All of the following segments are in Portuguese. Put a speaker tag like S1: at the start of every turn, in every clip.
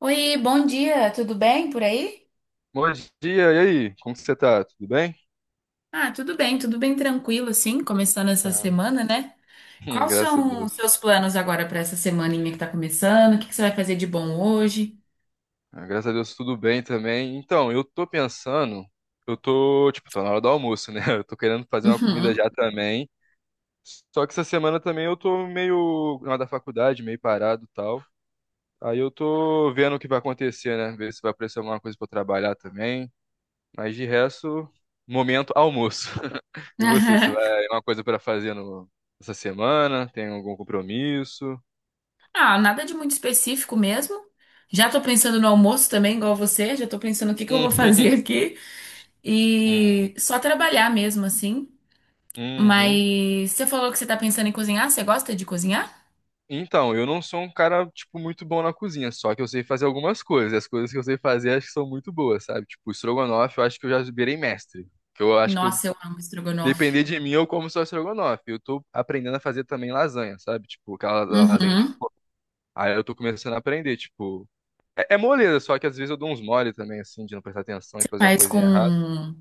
S1: Oi, bom dia, tudo bem por aí?
S2: Bom dia, e aí? Como que você tá? Tudo bem?
S1: Ah, tudo bem tranquilo, assim, começando essa
S2: Ah,
S1: semana, né? Quais
S2: graças a
S1: são os
S2: Deus.
S1: seus planos agora para essa semaninha que tá começando? O que que você vai fazer de bom hoje?
S2: Ah, graças a Deus, tudo bem também. Então, eu tô pensando, eu tô, tipo, tô na hora do almoço, né? Eu tô querendo fazer uma comida
S1: Uhum.
S2: já também. Só que essa semana também eu tô meio na hora da faculdade, meio parado e tal. Aí eu tô vendo o que vai acontecer, né? Ver se vai aparecer alguma coisa pra eu trabalhar também. Mas de resto, momento almoço. E você
S1: Aham.
S2: vai, uma coisa pra fazer no, essa semana? Tem algum compromisso?
S1: Ah, nada de muito específico mesmo. Já tô pensando no almoço também, igual você, já tô pensando o que que eu vou fazer aqui. E só trabalhar mesmo, assim.
S2: Uhum.
S1: Mas você falou que você tá pensando em cozinhar, você gosta de cozinhar?
S2: Então, eu não sou um cara, tipo, muito bom na cozinha, só que eu sei fazer algumas coisas, e as coisas que eu sei fazer acho que são muito boas, sabe? Tipo, estrogonofe, eu acho que eu já virei mestre, que eu acho que eu,
S1: Nossa, eu amo estrogonofe.
S2: depender de mim, eu como só estrogonofe. Eu tô aprendendo a fazer também lasanha, sabe? Tipo, aquela lasanha de
S1: Uhum.
S2: forno. Aí eu tô começando a aprender, tipo, é moleza, só que às vezes eu dou uns mole também, assim, de não prestar atenção e
S1: Você
S2: fazer uma
S1: faz
S2: coisinha errada.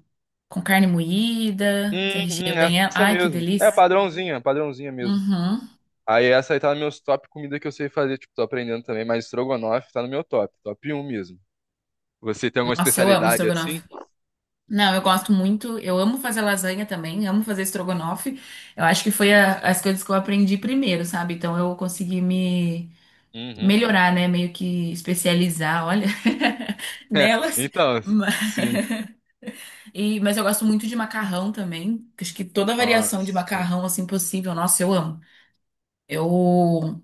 S1: com carne moída, você recheia
S2: Uhum,
S1: bem ela.
S2: essa
S1: Ai, que
S2: mesmo. É
S1: delícia.
S2: padrãozinha, padrãozinha mesmo.
S1: Uhum.
S2: Aí essa aí tá nos meus top comida que eu sei fazer, tipo, tô aprendendo também, mas estrogonofe tá no meu top, top um mesmo. Você tem alguma
S1: Nossa, eu amo
S2: especialidade assim?
S1: estrogonofe. Não, eu gosto muito. Eu amo fazer lasanha também, amo fazer estrogonofe. Eu acho que foi as coisas que eu aprendi primeiro, sabe? Então eu consegui me
S2: Uhum.
S1: melhorar, né? Meio que especializar, olha, nelas.
S2: Então,
S1: Ma-
S2: sim.
S1: E, mas eu gosto muito de macarrão também. Acho que toda variação de
S2: Nossa, sim.
S1: macarrão assim possível, nossa, eu amo. Eu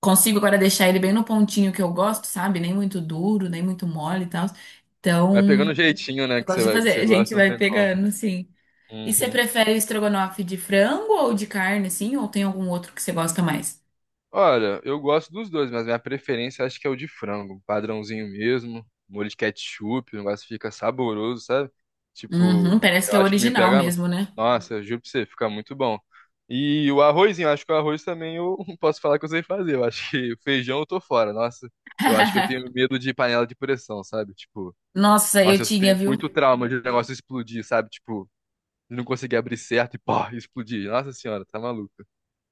S1: consigo agora deixar ele bem no pontinho que eu gosto, sabe? Nem muito duro, nem muito mole e tal.
S2: Vai pegando
S1: Então,
S2: o jeitinho,
S1: é o
S2: né,
S1: que eu
S2: que você
S1: gosto de
S2: vai, que
S1: fazer.
S2: você
S1: A gente
S2: gosta, não
S1: vai
S2: tem como.
S1: pegando, assim. E você
S2: Uhum.
S1: prefere estrogonofe de frango ou de carne, assim? Ou tem algum outro que você gosta mais?
S2: Olha, eu gosto dos dois, mas minha preferência acho que é o de frango, padrãozinho mesmo, molho de ketchup, o negócio fica saboroso, sabe?
S1: Uhum,
S2: Tipo,
S1: parece que
S2: eu
S1: é o
S2: acho que me
S1: original
S2: pega.
S1: mesmo, né?
S2: Nossa, eu juro pra você, fica muito bom. E o arrozinho, eu acho que o arroz também eu não posso falar que eu sei fazer. Eu acho que o feijão eu tô fora. Nossa, eu acho que eu tenho medo de panela de pressão, sabe? Tipo,
S1: Nossa, eu
S2: nossa, eu
S1: tinha,
S2: tenho
S1: viu?
S2: muito trauma de negócio explodir, sabe? Tipo, de não conseguir abrir certo e pá, explodir. Nossa senhora, tá maluco.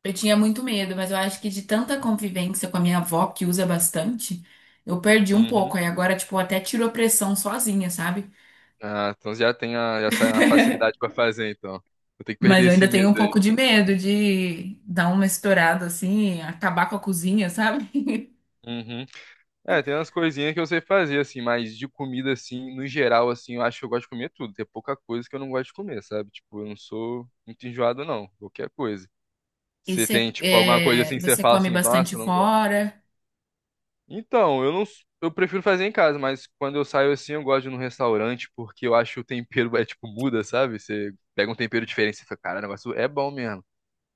S1: Eu tinha muito medo, mas eu acho que de tanta convivência com a minha avó, que usa bastante, eu perdi um pouco.
S2: Uhum.
S1: Aí agora, tipo, até tirou pressão sozinha, sabe?
S2: Ah, então já tem a, já sai uma facilidade pra fazer, então. Vou ter que perder
S1: Mas eu
S2: esse
S1: ainda tenho
S2: medo
S1: um
S2: aí.
S1: pouco de medo de dar uma estourada assim, acabar com a cozinha, sabe?
S2: Uhum. É, tem umas coisinhas que eu sei fazer, assim, mas de comida, assim, no geral, assim, eu acho que eu gosto de comer tudo. Tem pouca coisa que eu não gosto de comer, sabe? Tipo, eu não sou muito enjoado, não. Qualquer coisa.
S1: E
S2: Você tem,
S1: você,
S2: tipo, alguma coisa assim que você
S1: você
S2: fala
S1: come
S2: assim, nossa,
S1: bastante
S2: eu não gosto.
S1: fora,
S2: Então, eu não, eu prefiro fazer em casa, mas quando eu saio assim, eu gosto de ir num restaurante, porque eu acho que o tempero, é tipo, muda, sabe? Você pega um tempero diferente, você fica, cara, o negócio é bom mesmo.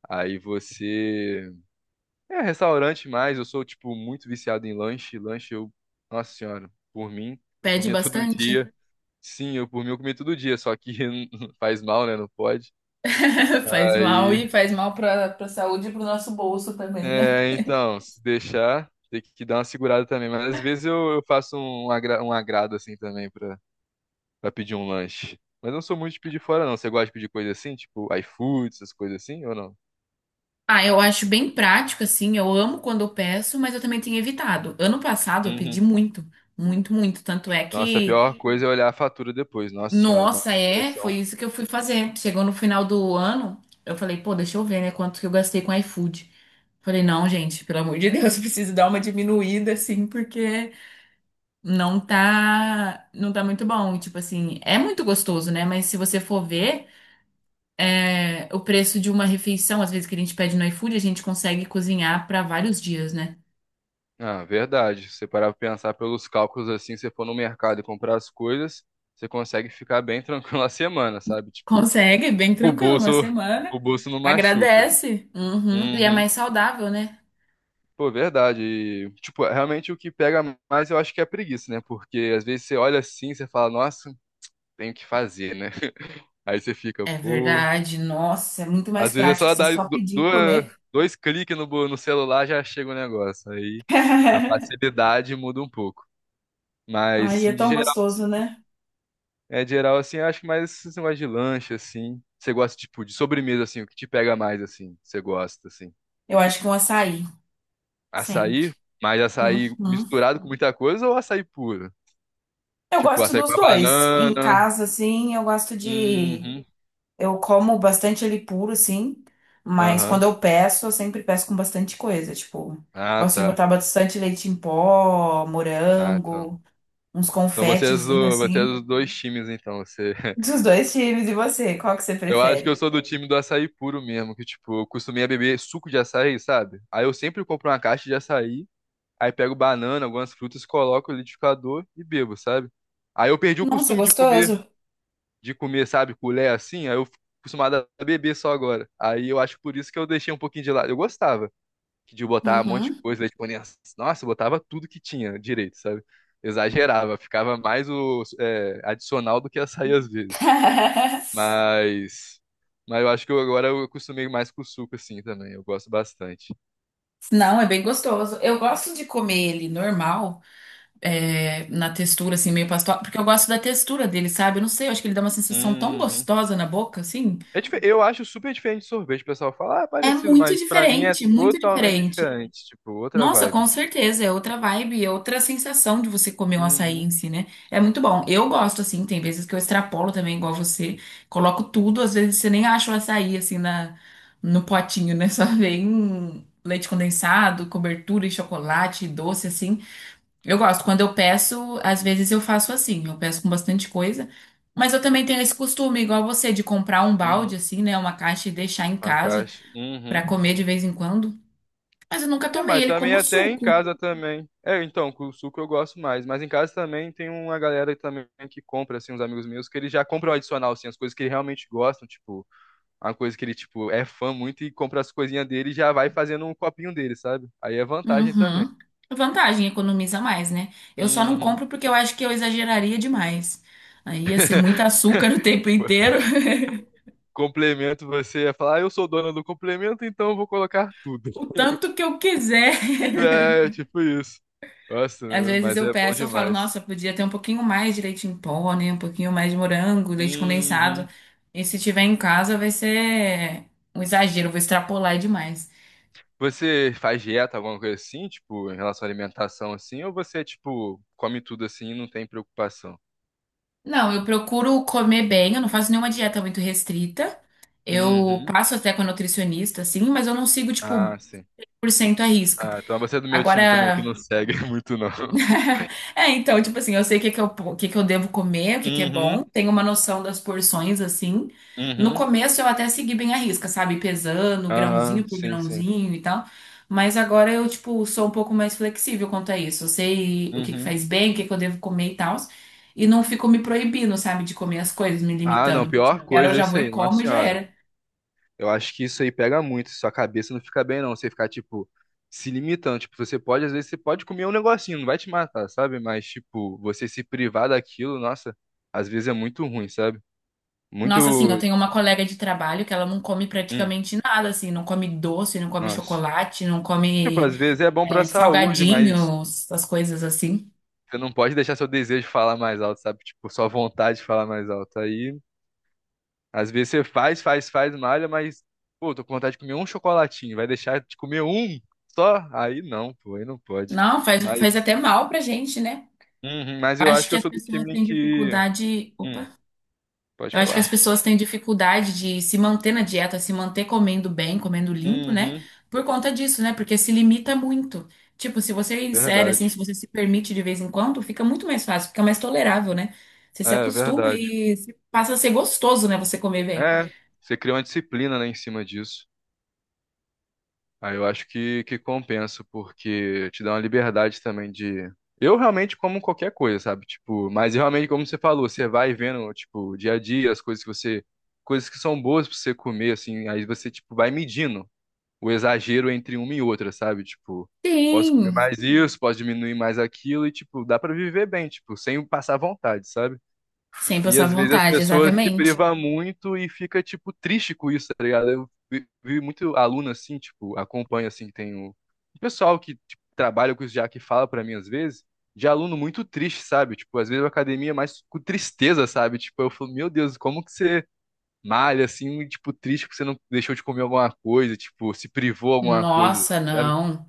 S2: Aí você. É, restaurante mais, eu sou, tipo, muito viciado em lanche. Lanche eu, nossa senhora, por mim, eu
S1: pede
S2: comia todo
S1: bastante,
S2: dia. Sim, eu por mim eu comia todo dia, só que faz mal, né? Não pode.
S1: faz mal
S2: Aí,
S1: e faz mal para saúde e para o nosso bolso também, né?
S2: é, então, se deixar, tem que dar uma segurada também. Mas às vezes eu faço um agrado assim também pra, pedir um lanche. Mas eu não sou muito de pedir fora, não. Você gosta de pedir coisa assim, tipo iFood, essas coisas assim, ou não?
S1: Ah, eu acho bem prático, assim, eu amo quando eu peço, mas eu também tenho evitado. Ano passado eu pedi
S2: Uhum.
S1: muito, muito, muito, tanto é
S2: Nossa, a
S1: que
S2: pior coisa é olhar a fatura depois. Nossa senhora, dá uma
S1: nossa, é, foi
S2: depressão.
S1: isso que eu fui fazer. Chegou no final do ano, eu falei, pô, deixa eu ver, né, quanto que eu gastei com iFood. Falei, não, gente, pelo amor de Deus, eu preciso dar uma diminuída, assim, porque não tá, não tá muito bom. E, tipo assim, é muito gostoso, né? Mas se você for ver, o preço de uma refeição, às vezes que a gente pede no iFood, a gente consegue cozinhar pra vários dias, né?
S2: Ah, verdade. Se você parar pra pensar pelos cálculos assim, se você for no mercado e comprar as coisas, você consegue ficar bem tranquilo a semana, sabe? Tipo,
S1: Consegue, bem
S2: o
S1: tranquilo, uma
S2: bolso,
S1: semana.
S2: o bolso não machuca.
S1: Agradece. Uhum. E é
S2: Uhum.
S1: mais saudável, né?
S2: Pô, verdade. E, tipo, realmente o que pega mais eu acho que é a preguiça, né? Porque às vezes você olha assim, você fala, nossa, tenho que fazer, né? Aí você fica,
S1: É
S2: pô.
S1: verdade, nossa, é muito mais
S2: Às vezes é
S1: prático
S2: só
S1: você
S2: dar
S1: só
S2: du-
S1: pedir e
S2: duas-
S1: comer.
S2: dois cliques no celular já chega o negócio. Aí a facilidade muda um pouco. Mas,
S1: Aí é
S2: sim, de
S1: tão
S2: geral.
S1: gostoso, né?
S2: É geral, assim, eu acho que mais esse negócio de lanche, assim. Você gosta, tipo, de sobremesa, assim, o que te pega mais, assim, você gosta, assim.
S1: Eu acho que um açaí, sempre.
S2: Açaí, mas açaí
S1: Uhum.
S2: misturado com muita coisa ou açaí puro?
S1: Eu
S2: Tipo,
S1: gosto
S2: açaí com
S1: dos
S2: a
S1: dois. Em
S2: banana.
S1: casa, assim, eu gosto de.
S2: Uhum.
S1: Eu como bastante ele puro, assim, mas quando
S2: Aham.
S1: eu peço, eu sempre peço com bastante coisa. Tipo,
S2: Ah,
S1: gosto de
S2: tá.
S1: botar bastante leite em pó,
S2: Ah, então.
S1: morango, uns
S2: Então você é,
S1: confetezinhos,
S2: do, você é
S1: assim,
S2: dos dois times, então. Você...
S1: dos dois times. E você, qual que você
S2: Eu acho que eu
S1: prefere?
S2: sou do time do açaí puro mesmo, que, tipo, eu costumei a beber suco de açaí, sabe? Aí eu sempre compro uma caixa de açaí. Aí pego banana, algumas frutas, coloco no liquidificador e bebo, sabe? Aí eu perdi o
S1: Nossa, é
S2: costume de comer,
S1: gostoso.
S2: de comer, sabe, colher assim, aí eu fico acostumado a beber só agora. Aí eu acho por isso que eu deixei um pouquinho de lado. Eu gostava de botar um monte de
S1: Uhum.
S2: coisa, leite condensado. Nossa, eu botava tudo que tinha direito, sabe? Exagerava, ficava mais o é, adicional do que açaí às vezes. Mas, mas eu acho que eu, agora eu acostumei mais com o suco assim também. Eu gosto bastante.
S1: Não, é bem gostoso. Eu gosto de comer ele normal, na textura, assim, meio pastosa, porque eu gosto da textura dele, sabe? Eu não sei, eu acho que ele dá uma sensação tão
S2: Uhum.
S1: gostosa na boca, assim.
S2: Eu acho super diferente de sorvete. O pessoal fala, ah, é
S1: É
S2: parecido,
S1: muito
S2: mas pra mim é
S1: diferente, muito
S2: totalmente
S1: diferente.
S2: diferente. Tipo, outra
S1: Nossa, com
S2: vibe.
S1: certeza, é outra vibe, é outra sensação de você comer um açaí
S2: Uhum,
S1: em si, né? É muito bom. Eu gosto, assim, tem vezes que eu extrapolo também, igual você. Coloco tudo, às vezes você nem acha o açaí, assim, no potinho, né? Só vem leite condensado, cobertura e chocolate, doce, assim. Eu gosto. Quando eu peço, às vezes eu faço assim, eu peço com bastante coisa. Mas eu também tenho esse costume, igual você, de comprar um balde,
S2: uhum.
S1: assim, né? Uma caixa e deixar em
S2: A
S1: casa
S2: caixa. Uhum.
S1: pra comer de vez em quando. Mas eu nunca
S2: É,
S1: tomei
S2: mas
S1: ele
S2: também
S1: como
S2: até em
S1: suco.
S2: casa também. É, então, com o suco eu gosto mais. Mas em casa também tem uma galera também que compra, assim, uns amigos meus, que eles já compram adicional, assim, as coisas que eles realmente gostam, tipo, uma coisa que ele, tipo, é fã muito e compra as coisinhas dele e já vai fazendo um copinho dele, sabe? Aí é vantagem também.
S1: Uhum. Vantagem, economiza mais, né? Eu só não
S2: Uhum.
S1: compro porque eu acho que eu exageraria demais. Aí ia ser muito açúcar o tempo inteiro,
S2: Complemento você ia falar, ah, eu sou dona do complemento, então eu vou colocar tudo.
S1: o tanto que eu quiser.
S2: É, tipo isso. Nossa,
S1: Às vezes
S2: mas
S1: eu
S2: é bom
S1: peço, eu falo,
S2: demais.
S1: nossa, podia ter um pouquinho mais de leite em pó, né? Um pouquinho mais de morango, leite condensado.
S2: Uhum.
S1: E se tiver em casa, vai ser um exagero, eu vou extrapolar demais.
S2: Você faz dieta, alguma coisa assim, tipo, em relação à alimentação, assim, ou você, tipo, come tudo assim e não tem preocupação?
S1: Não, eu procuro comer bem, eu não faço nenhuma dieta muito restrita. Eu
S2: Uhum.
S1: passo até com a nutricionista, assim, mas eu não sigo,
S2: Ah,
S1: tipo,
S2: sim.
S1: 100% arrisca.
S2: Ah, então você é do meu time também, que não
S1: Agora,
S2: segue muito, não.
S1: é, então, tipo assim, eu sei o que que eu devo comer, o que que é bom,
S2: Uhum,
S1: tenho uma noção das porções, assim. No
S2: uhum.
S1: começo eu até segui bem a risca, sabe? Pesando
S2: Aham,
S1: grãozinho por
S2: sim, sim.
S1: grãozinho e tal. Mas agora eu, tipo, sou um pouco mais flexível quanto a isso. Eu sei o que que
S2: Uhum.
S1: faz bem, o que que eu devo comer e tal. E não fico me proibindo, sabe, de comer as coisas, me
S2: Ah, não,
S1: limitando. Se
S2: pior
S1: quero, eu
S2: coisa é
S1: já vou
S2: isso
S1: e
S2: aí, nossa
S1: como e já
S2: senhora.
S1: era.
S2: Eu acho que isso aí pega muito, sua cabeça não fica bem não, você ficar, tipo, se limitando, tipo, você pode, às vezes, você pode comer um negocinho, não vai te matar, sabe? Mas, tipo, você se privar daquilo, nossa, às vezes é muito ruim, sabe?
S1: Nossa, assim, eu
S2: Muito,
S1: tenho uma colega de trabalho que ela não come
S2: hum,
S1: praticamente nada, assim, não come doce, não come
S2: nossa.
S1: chocolate, não
S2: Tipo,
S1: come
S2: às vezes é bom pra
S1: é,
S2: saúde, mas
S1: salgadinhos, essas coisas assim.
S2: você não pode deixar seu desejo falar mais alto, sabe? Tipo, sua vontade de falar mais alto, aí, às vezes você faz, faz, faz, malha, mas, pô, tô com vontade de comer um chocolatinho, vai deixar de comer um só? Aí não, pô, aí não pode.
S1: Não, faz, faz
S2: Mas.
S1: até mal pra gente, né?
S2: Uhum, mas eu acho
S1: Acho
S2: que
S1: que
S2: eu
S1: as
S2: sou do
S1: pessoas
S2: time
S1: têm
S2: que.
S1: dificuldade.
S2: Hum,
S1: Opa!
S2: pode
S1: Eu acho que as
S2: falar.
S1: pessoas têm dificuldade de se manter na dieta, se manter comendo bem, comendo limpo, né?
S2: Uhum,
S1: Por conta disso, né? Porque se limita muito. Tipo, se você insere, assim, se
S2: verdade.
S1: você se permite de vez em quando, fica muito mais fácil, fica mais tolerável, né? Você se
S2: É,
S1: acostuma
S2: verdade.
S1: e passa a ser gostoso, né? Você comer bem.
S2: É, você cria uma disciplina, né, em cima disso. Aí eu acho que compensa, porque te dá uma liberdade também de. Eu realmente como qualquer coisa, sabe? Tipo, mas realmente, como você falou, você vai vendo, tipo, dia a dia, as coisas que você. Coisas que são boas pra você comer, assim, aí você, tipo, vai medindo o exagero entre uma e outra, sabe? Tipo, posso comer
S1: Sim,
S2: mais isso, posso diminuir mais aquilo e, tipo, dá pra viver bem, tipo, sem passar vontade, sabe?
S1: sem
S2: E
S1: passar
S2: às vezes as
S1: vontade,
S2: pessoas se
S1: exatamente.
S2: privam muito e fica, tipo, triste com isso, tá ligado? Eu vi muito aluno assim, tipo, acompanho assim, que tem o pessoal que tipo, trabalha com isso já que fala pra mim às vezes. De aluno muito triste, sabe? Tipo, às vezes a academia é mais com tristeza, sabe? Tipo, eu falo, meu Deus, como que você malha, assim, tipo, triste porque você não deixou de comer alguma coisa, tipo, se privou alguma coisa,
S1: Nossa,
S2: sabe?
S1: não.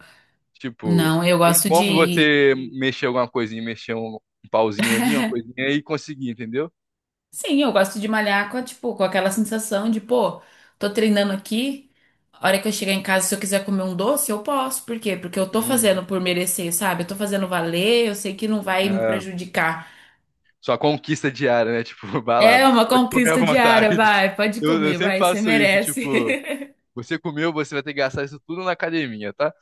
S2: Tipo,
S1: Não, eu
S2: tem
S1: gosto
S2: como
S1: de.
S2: você mexer alguma coisinha, mexer um pauzinho ali, uma coisinha e conseguir, entendeu?
S1: Sim, eu gosto de malhar com, tipo, com aquela sensação de, pô, tô treinando aqui, a hora que eu chegar em casa, se eu quiser comer um doce, eu posso. Por quê? Porque eu tô
S2: Uhum.
S1: fazendo por merecer, sabe? Eu tô fazendo valer, eu sei que não vai me
S2: É,
S1: prejudicar.
S2: sua conquista diária, né? Tipo, vai lá,
S1: É uma
S2: pode comer à
S1: conquista diária,
S2: vontade.
S1: vai, pode
S2: Eu
S1: comer,
S2: sempre
S1: vai, você
S2: faço isso,
S1: merece.
S2: tipo, você comeu, você vai ter que gastar isso tudo na academia, tá?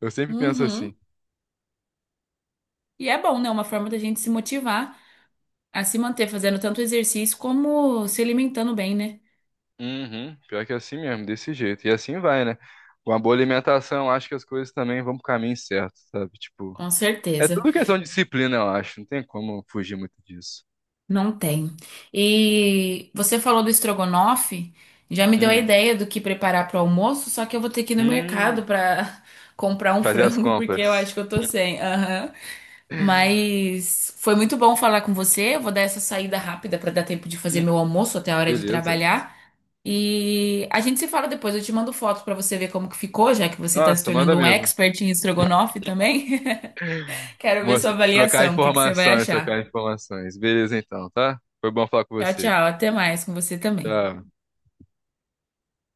S2: Eu sempre penso
S1: Uhum.
S2: assim.
S1: E é bom, né? Uma forma da gente se motivar a se manter fazendo tanto exercício como se alimentando bem, né?
S2: Uhum, pior que é assim mesmo, desse jeito. E assim vai, né? Com a boa alimentação, acho que as coisas também vão pro caminho certo, sabe? Tipo,
S1: Com
S2: é
S1: certeza.
S2: tudo questão de disciplina, eu acho. Não tem como fugir muito disso.
S1: Não tem. E você falou do estrogonofe, já me deu a
S2: Hum.
S1: ideia do que preparar para o almoço, só que eu vou ter que ir no mercado
S2: Hum.
S1: para comprar um
S2: Fazer as
S1: frango, porque eu
S2: compras.
S1: acho que eu tô sem. Aham. Mas foi muito bom falar com você. Eu vou dar essa saída rápida para dar tempo de fazer
S2: Hum,
S1: meu almoço até a hora de
S2: beleza.
S1: trabalhar. E a gente se fala depois. Eu te mando foto para você ver como que ficou, já que você tá se
S2: Nossa, manda
S1: tornando um
S2: mesmo.
S1: expert em estrogonofe também. Quero ver sua
S2: Trocar
S1: avaliação, o que que você vai
S2: informações,
S1: achar.
S2: trocar informações. Beleza então, tá? Foi bom falar com
S1: Tchau,
S2: você.
S1: tchau. Até mais com você também.
S2: Tchau.